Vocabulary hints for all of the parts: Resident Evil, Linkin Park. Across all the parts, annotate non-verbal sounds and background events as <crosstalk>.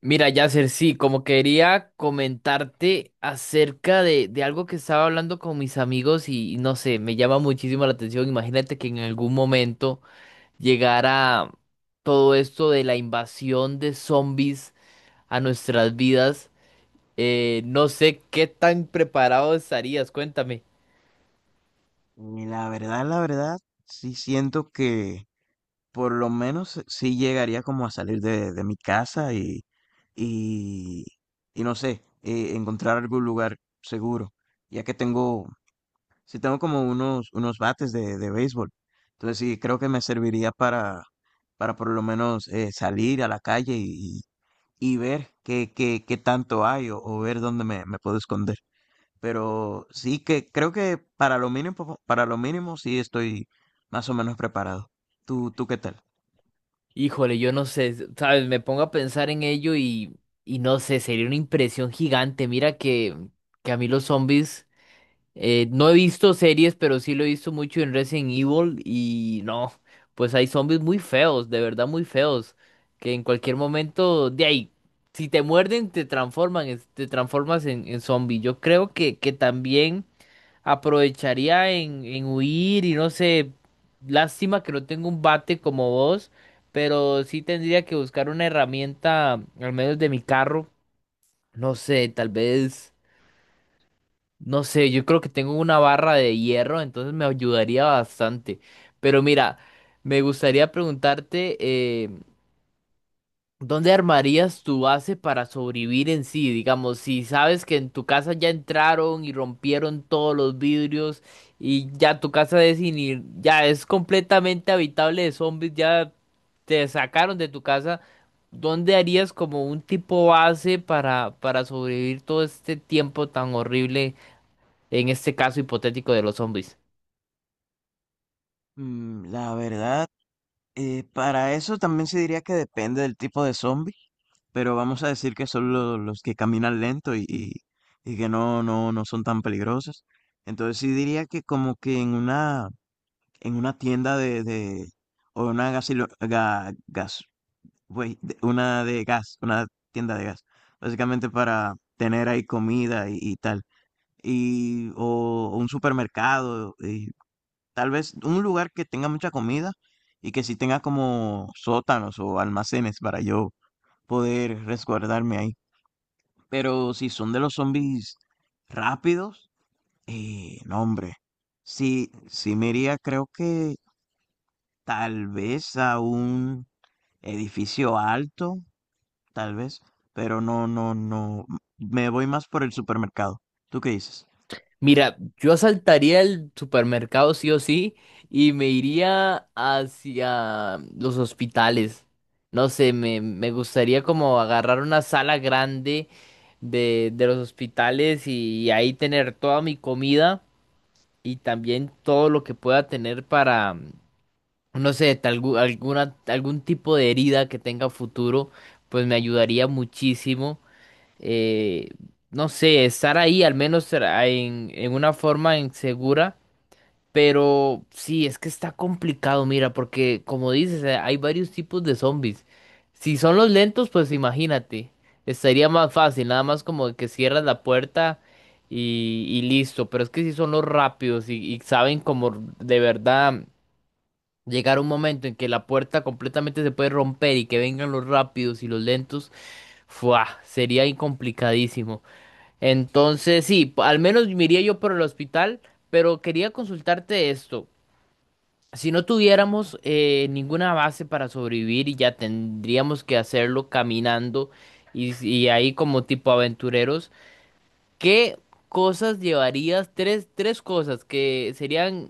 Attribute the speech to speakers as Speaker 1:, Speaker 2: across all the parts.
Speaker 1: Mira, Yasser, sí, como quería comentarte acerca de algo que estaba hablando con mis amigos y no sé, me llama muchísimo la atención. Imagínate que en algún momento llegara todo esto de la invasión de zombies a nuestras vidas. No sé qué tan preparado estarías, cuéntame.
Speaker 2: Y la verdad, sí siento que por lo menos sí llegaría como a salir de mi casa y, y no sé, encontrar algún lugar seguro, ya que tengo, sí tengo como unos, unos bates de béisbol. Entonces sí, creo que me serviría para por lo menos salir a la calle y ver qué, qué, qué tanto hay o ver dónde me, me puedo esconder. Pero sí que creo que para lo mínimo sí estoy más o menos preparado. ¿Tú qué tal?
Speaker 1: Híjole, yo no sé, sabes, me pongo a pensar en ello y no sé, sería una impresión gigante. Mira que a mí los zombies... No he visto series, pero sí lo he visto mucho en Resident Evil y no, pues hay zombies muy feos, de verdad muy feos, que en cualquier momento de ahí, si te muerden, te transforman, te transformas en zombie. Yo creo que también aprovecharía en huir y no sé, lástima que no tengo un bate como vos, pero sí tendría que buscar una herramienta, al menos de mi carro, no sé, tal vez... No sé, yo creo que tengo una barra de hierro, entonces me ayudaría bastante. Pero mira, me gustaría preguntarte, ¿dónde armarías tu base para sobrevivir en sí? Digamos, si sabes que en tu casa ya entraron y rompieron todos los vidrios y ya tu casa es ya es completamente habitable de zombies, ya te sacaron de tu casa, ¿dónde harías como un tipo base para sobrevivir todo este tiempo tan horrible? En este caso hipotético de los zombies.
Speaker 2: La verdad, para eso también se diría que depende del tipo de zombie, pero vamos a decir que son los que caminan lento y que no, no, no son tan peligrosos. Entonces sí diría que como que en una tienda o una una de gas, una tienda de gas, básicamente para tener ahí comida y tal, y o un supermercado, y tal vez un lugar que tenga mucha comida y que sí tenga como sótanos o almacenes para yo poder resguardarme ahí. Pero si son de los zombies rápidos, no, hombre, sí, sí me iría, creo que tal vez a un edificio alto. Tal vez, pero no, no, no. Me voy más por el supermercado. ¿Tú qué dices?
Speaker 1: Mira, yo asaltaría el supermercado sí o sí y me iría hacia los hospitales. No sé, me gustaría como agarrar una sala grande de los hospitales y ahí tener toda mi comida y también todo lo que pueda tener para, no sé, tal, alguna, algún tipo de herida que tenga futuro, pues me ayudaría muchísimo. eh, no sé, estar ahí al menos será en una forma insegura, pero sí, es que está complicado, mira, porque como dices, hay varios tipos de zombies. Si son los lentos, pues imagínate, estaría más fácil, nada más como que cierras la puerta y listo, pero es que si son los rápidos y saben como de verdad llegar un momento en que la puerta completamente se puede romper y que vengan los rápidos y los lentos, ¡fua! Sería incomplicadísimo. Entonces, sí, al menos me iría yo por el hospital, pero quería consultarte esto. Si no tuviéramos ninguna base para sobrevivir y ya tendríamos que hacerlo caminando y ahí como tipo aventureros, ¿qué cosas llevarías? Tres cosas que serían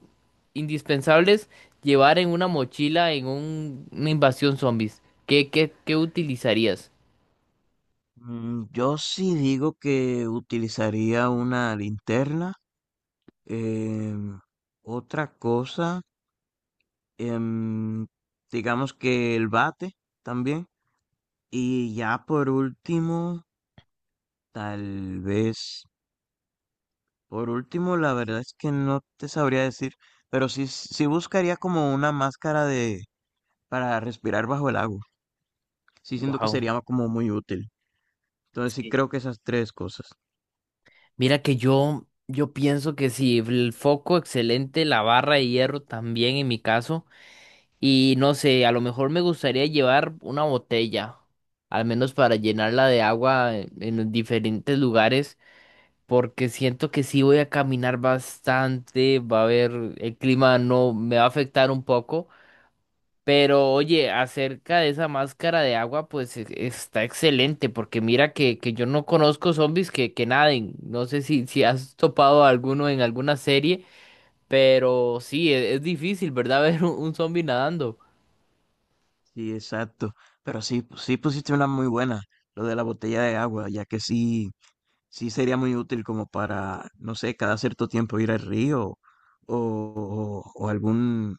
Speaker 1: indispensables llevar en una mochila en una invasión zombies. Qué utilizarías?
Speaker 2: Yo sí digo que utilizaría una linterna. em, Otra cosa, em, digamos que el bate también. Y ya por último, tal vez, por último, la verdad es que no te sabría decir, pero sí, sí buscaría como una máscara de para respirar bajo el agua. Sí siento que
Speaker 1: Wow.
Speaker 2: sería como muy útil. Entonces sí creo que esas tres cosas.
Speaker 1: Mira que yo pienso que si el foco excelente, la barra de hierro también en mi caso, y no sé, a lo mejor me gustaría llevar una botella, al menos para llenarla de agua en los diferentes lugares, porque siento que sí voy a caminar bastante, va a haber, el clima no me va a afectar un poco, pero oye, acerca de esa máscara de agua, pues está excelente, porque mira que yo no conozco zombies que naden. No sé si, si has topado a alguno en alguna serie, pero sí, es difícil, ¿verdad? <laughs> Ver un zombie nadando.
Speaker 2: Sí, exacto. Pero sí, sí pusiste una muy buena, lo de la botella de agua, ya que sí, sí sería muy útil como para, no sé, cada cierto tiempo ir al río o algún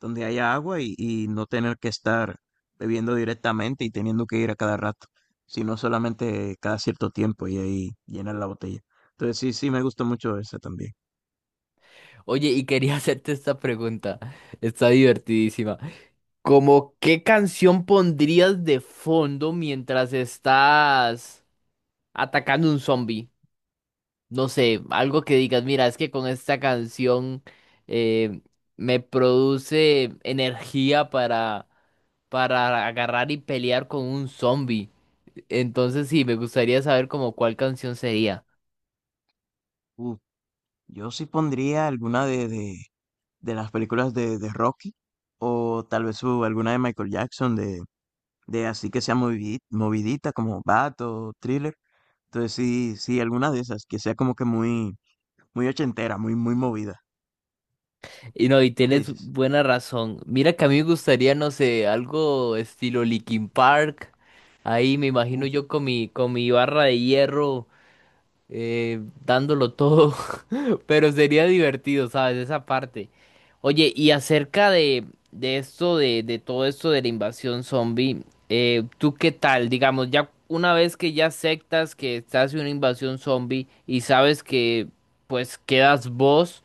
Speaker 2: donde haya agua y no tener que estar bebiendo directamente y teniendo que ir a cada rato, sino solamente cada cierto tiempo y ahí llenar la botella. Entonces sí, sí me gustó mucho esa también.
Speaker 1: Oye, y quería <laughs> hacerte esta pregunta. Está divertidísima. ¿Cómo qué canción pondrías de fondo mientras estás atacando un zombie? No sé, algo que digas, mira, es que con esta canción eh, me produce energía para agarrar y pelear con un zombie. Entonces sí, me gustaría saber como cuál canción sería.
Speaker 2: Uh, yo sí pondría alguna de de las películas de Rocky, o tal vez alguna de Michael Jackson, de así que sea movidita, como Bat o Thriller. Entonces sí, sí, alguna de esas, que sea como que muy, muy ochentera, muy, muy movida.
Speaker 1: Y no, y
Speaker 2: ¿Tú qué
Speaker 1: tienes
Speaker 2: dices?
Speaker 1: buena razón. Mira que a mí me gustaría, no sé, algo estilo Linkin Park. Ahí me imagino
Speaker 2: Uf,
Speaker 1: yo con con mi barra de hierro, dándolo todo, <laughs> pero sería divertido, ¿sabes? Esa parte. Oye, y acerca de, de todo esto de la invasión zombie, ¿tú qué tal? Digamos, ya una vez que ya aceptas que estás en una invasión zombie y sabes que pues quedas vos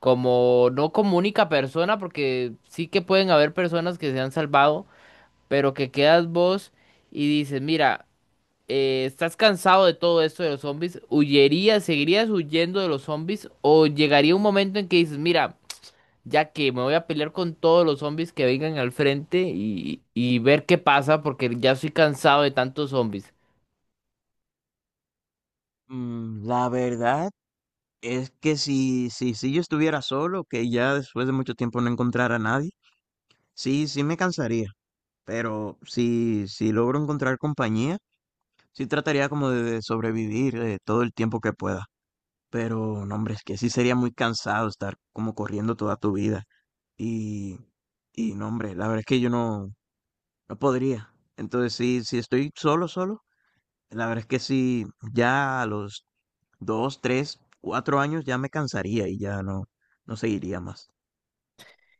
Speaker 1: como, no como única persona, porque sí que pueden haber personas que se han salvado, pero que quedas vos y dices, mira, ¿estás cansado de todo esto de los zombies? ¿Huyerías, seguirías huyendo de los zombies? ¿O llegaría un momento en que dices, mira, ya que me voy a pelear con todos los zombies que vengan al frente y ver qué pasa porque ya estoy cansado de tantos zombies?
Speaker 2: la verdad es que si, si, si yo estuviera solo, que ya después de mucho tiempo no encontrara a nadie, sí, sí me cansaría. Pero si, si logro encontrar compañía, sí trataría como de sobrevivir todo el tiempo que pueda. Pero, no, hombre, es que sí sería muy cansado estar como corriendo toda tu vida. Y, y no, hombre, la verdad es que yo no, no podría. Entonces, sí, si estoy solo, solo, la verdad es que sí, ya a los dos, tres, cuatro años ya me cansaría y ya no, no seguiría más.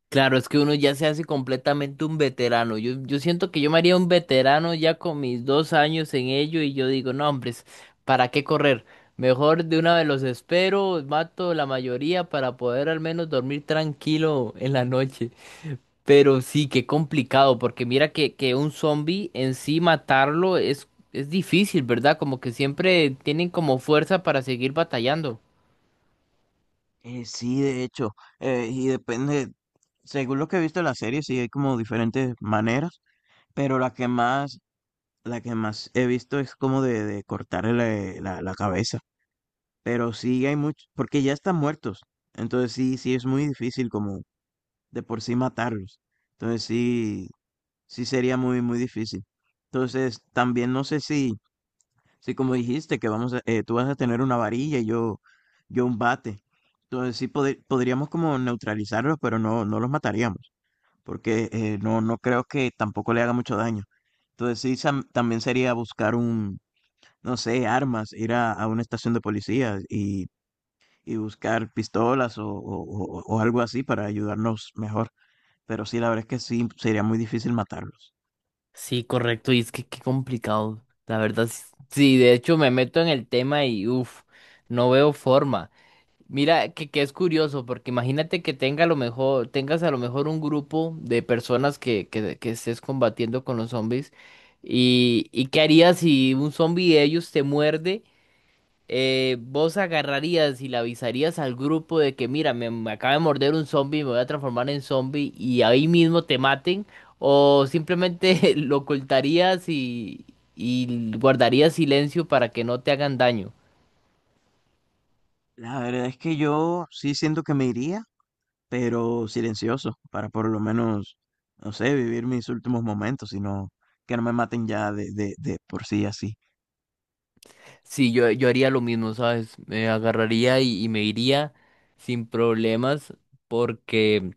Speaker 1: Claro, es que uno ya se hace completamente un veterano. Yo siento que yo me haría un veterano ya con mis dos años en ello y yo digo, no, hombres, ¿para qué correr? Mejor de una vez los espero, mato la mayoría para poder al menos dormir tranquilo en la noche. Pero sí, qué complicado, porque mira que un zombie en sí matarlo es difícil, ¿verdad? Como que siempre tienen como fuerza para seguir batallando.
Speaker 2: Sí, de hecho, y depende, según lo que he visto en la serie, sí hay como diferentes maneras, pero la que más he visto es como de cortarle la cabeza. Pero sí hay muchos, porque ya están muertos. Entonces sí, sí es muy difícil como de por sí matarlos. Entonces sí, sí sería muy, muy difícil. Entonces también no sé si, si como dijiste que vamos a, tú vas a tener una varilla y yo un bate. Entonces sí podríamos como neutralizarlos, pero no, no los mataríamos, porque no, no creo que tampoco le haga mucho daño. Entonces sí también sería buscar un, no sé, armas, ir a una estación de policía y buscar pistolas o, o algo así para ayudarnos mejor. Pero sí, la verdad es que sí, sería muy difícil matarlos.
Speaker 1: Sí, correcto, y es que qué complicado. La verdad, sí, de hecho me meto en el tema y uff, no veo forma. Mira que es curioso, porque imagínate que tenga a lo mejor, tengas a lo mejor un grupo de personas que estés combatiendo con los zombies. Y qué harías si un zombie de ellos te muerde? Vos agarrarías y le avisarías al grupo de que, mira, me acaba de morder un zombie, me voy a transformar en zombie y ahí mismo te maten, o simplemente <laughs> lo ocultarías y guardarías silencio para que no te hagan daño.
Speaker 2: La verdad es que yo sí siento que me iría, pero silencioso, para por lo menos, no sé, vivir mis últimos momentos, sino que no me maten ya de por sí así.
Speaker 1: Sí, yo haría lo mismo, ¿sabes? Me agarraría y me iría sin problemas porque...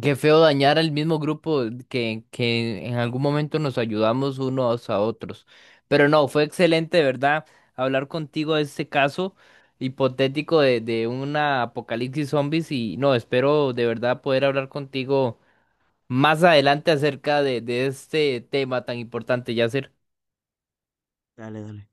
Speaker 1: Qué feo dañar al mismo grupo que en algún momento nos ayudamos unos a otros. Pero no, fue excelente, de verdad, hablar contigo de este caso hipotético de una apocalipsis zombies y no, espero de verdad poder hablar contigo más adelante acerca de este tema tan importante, ya
Speaker 2: Dale, dale.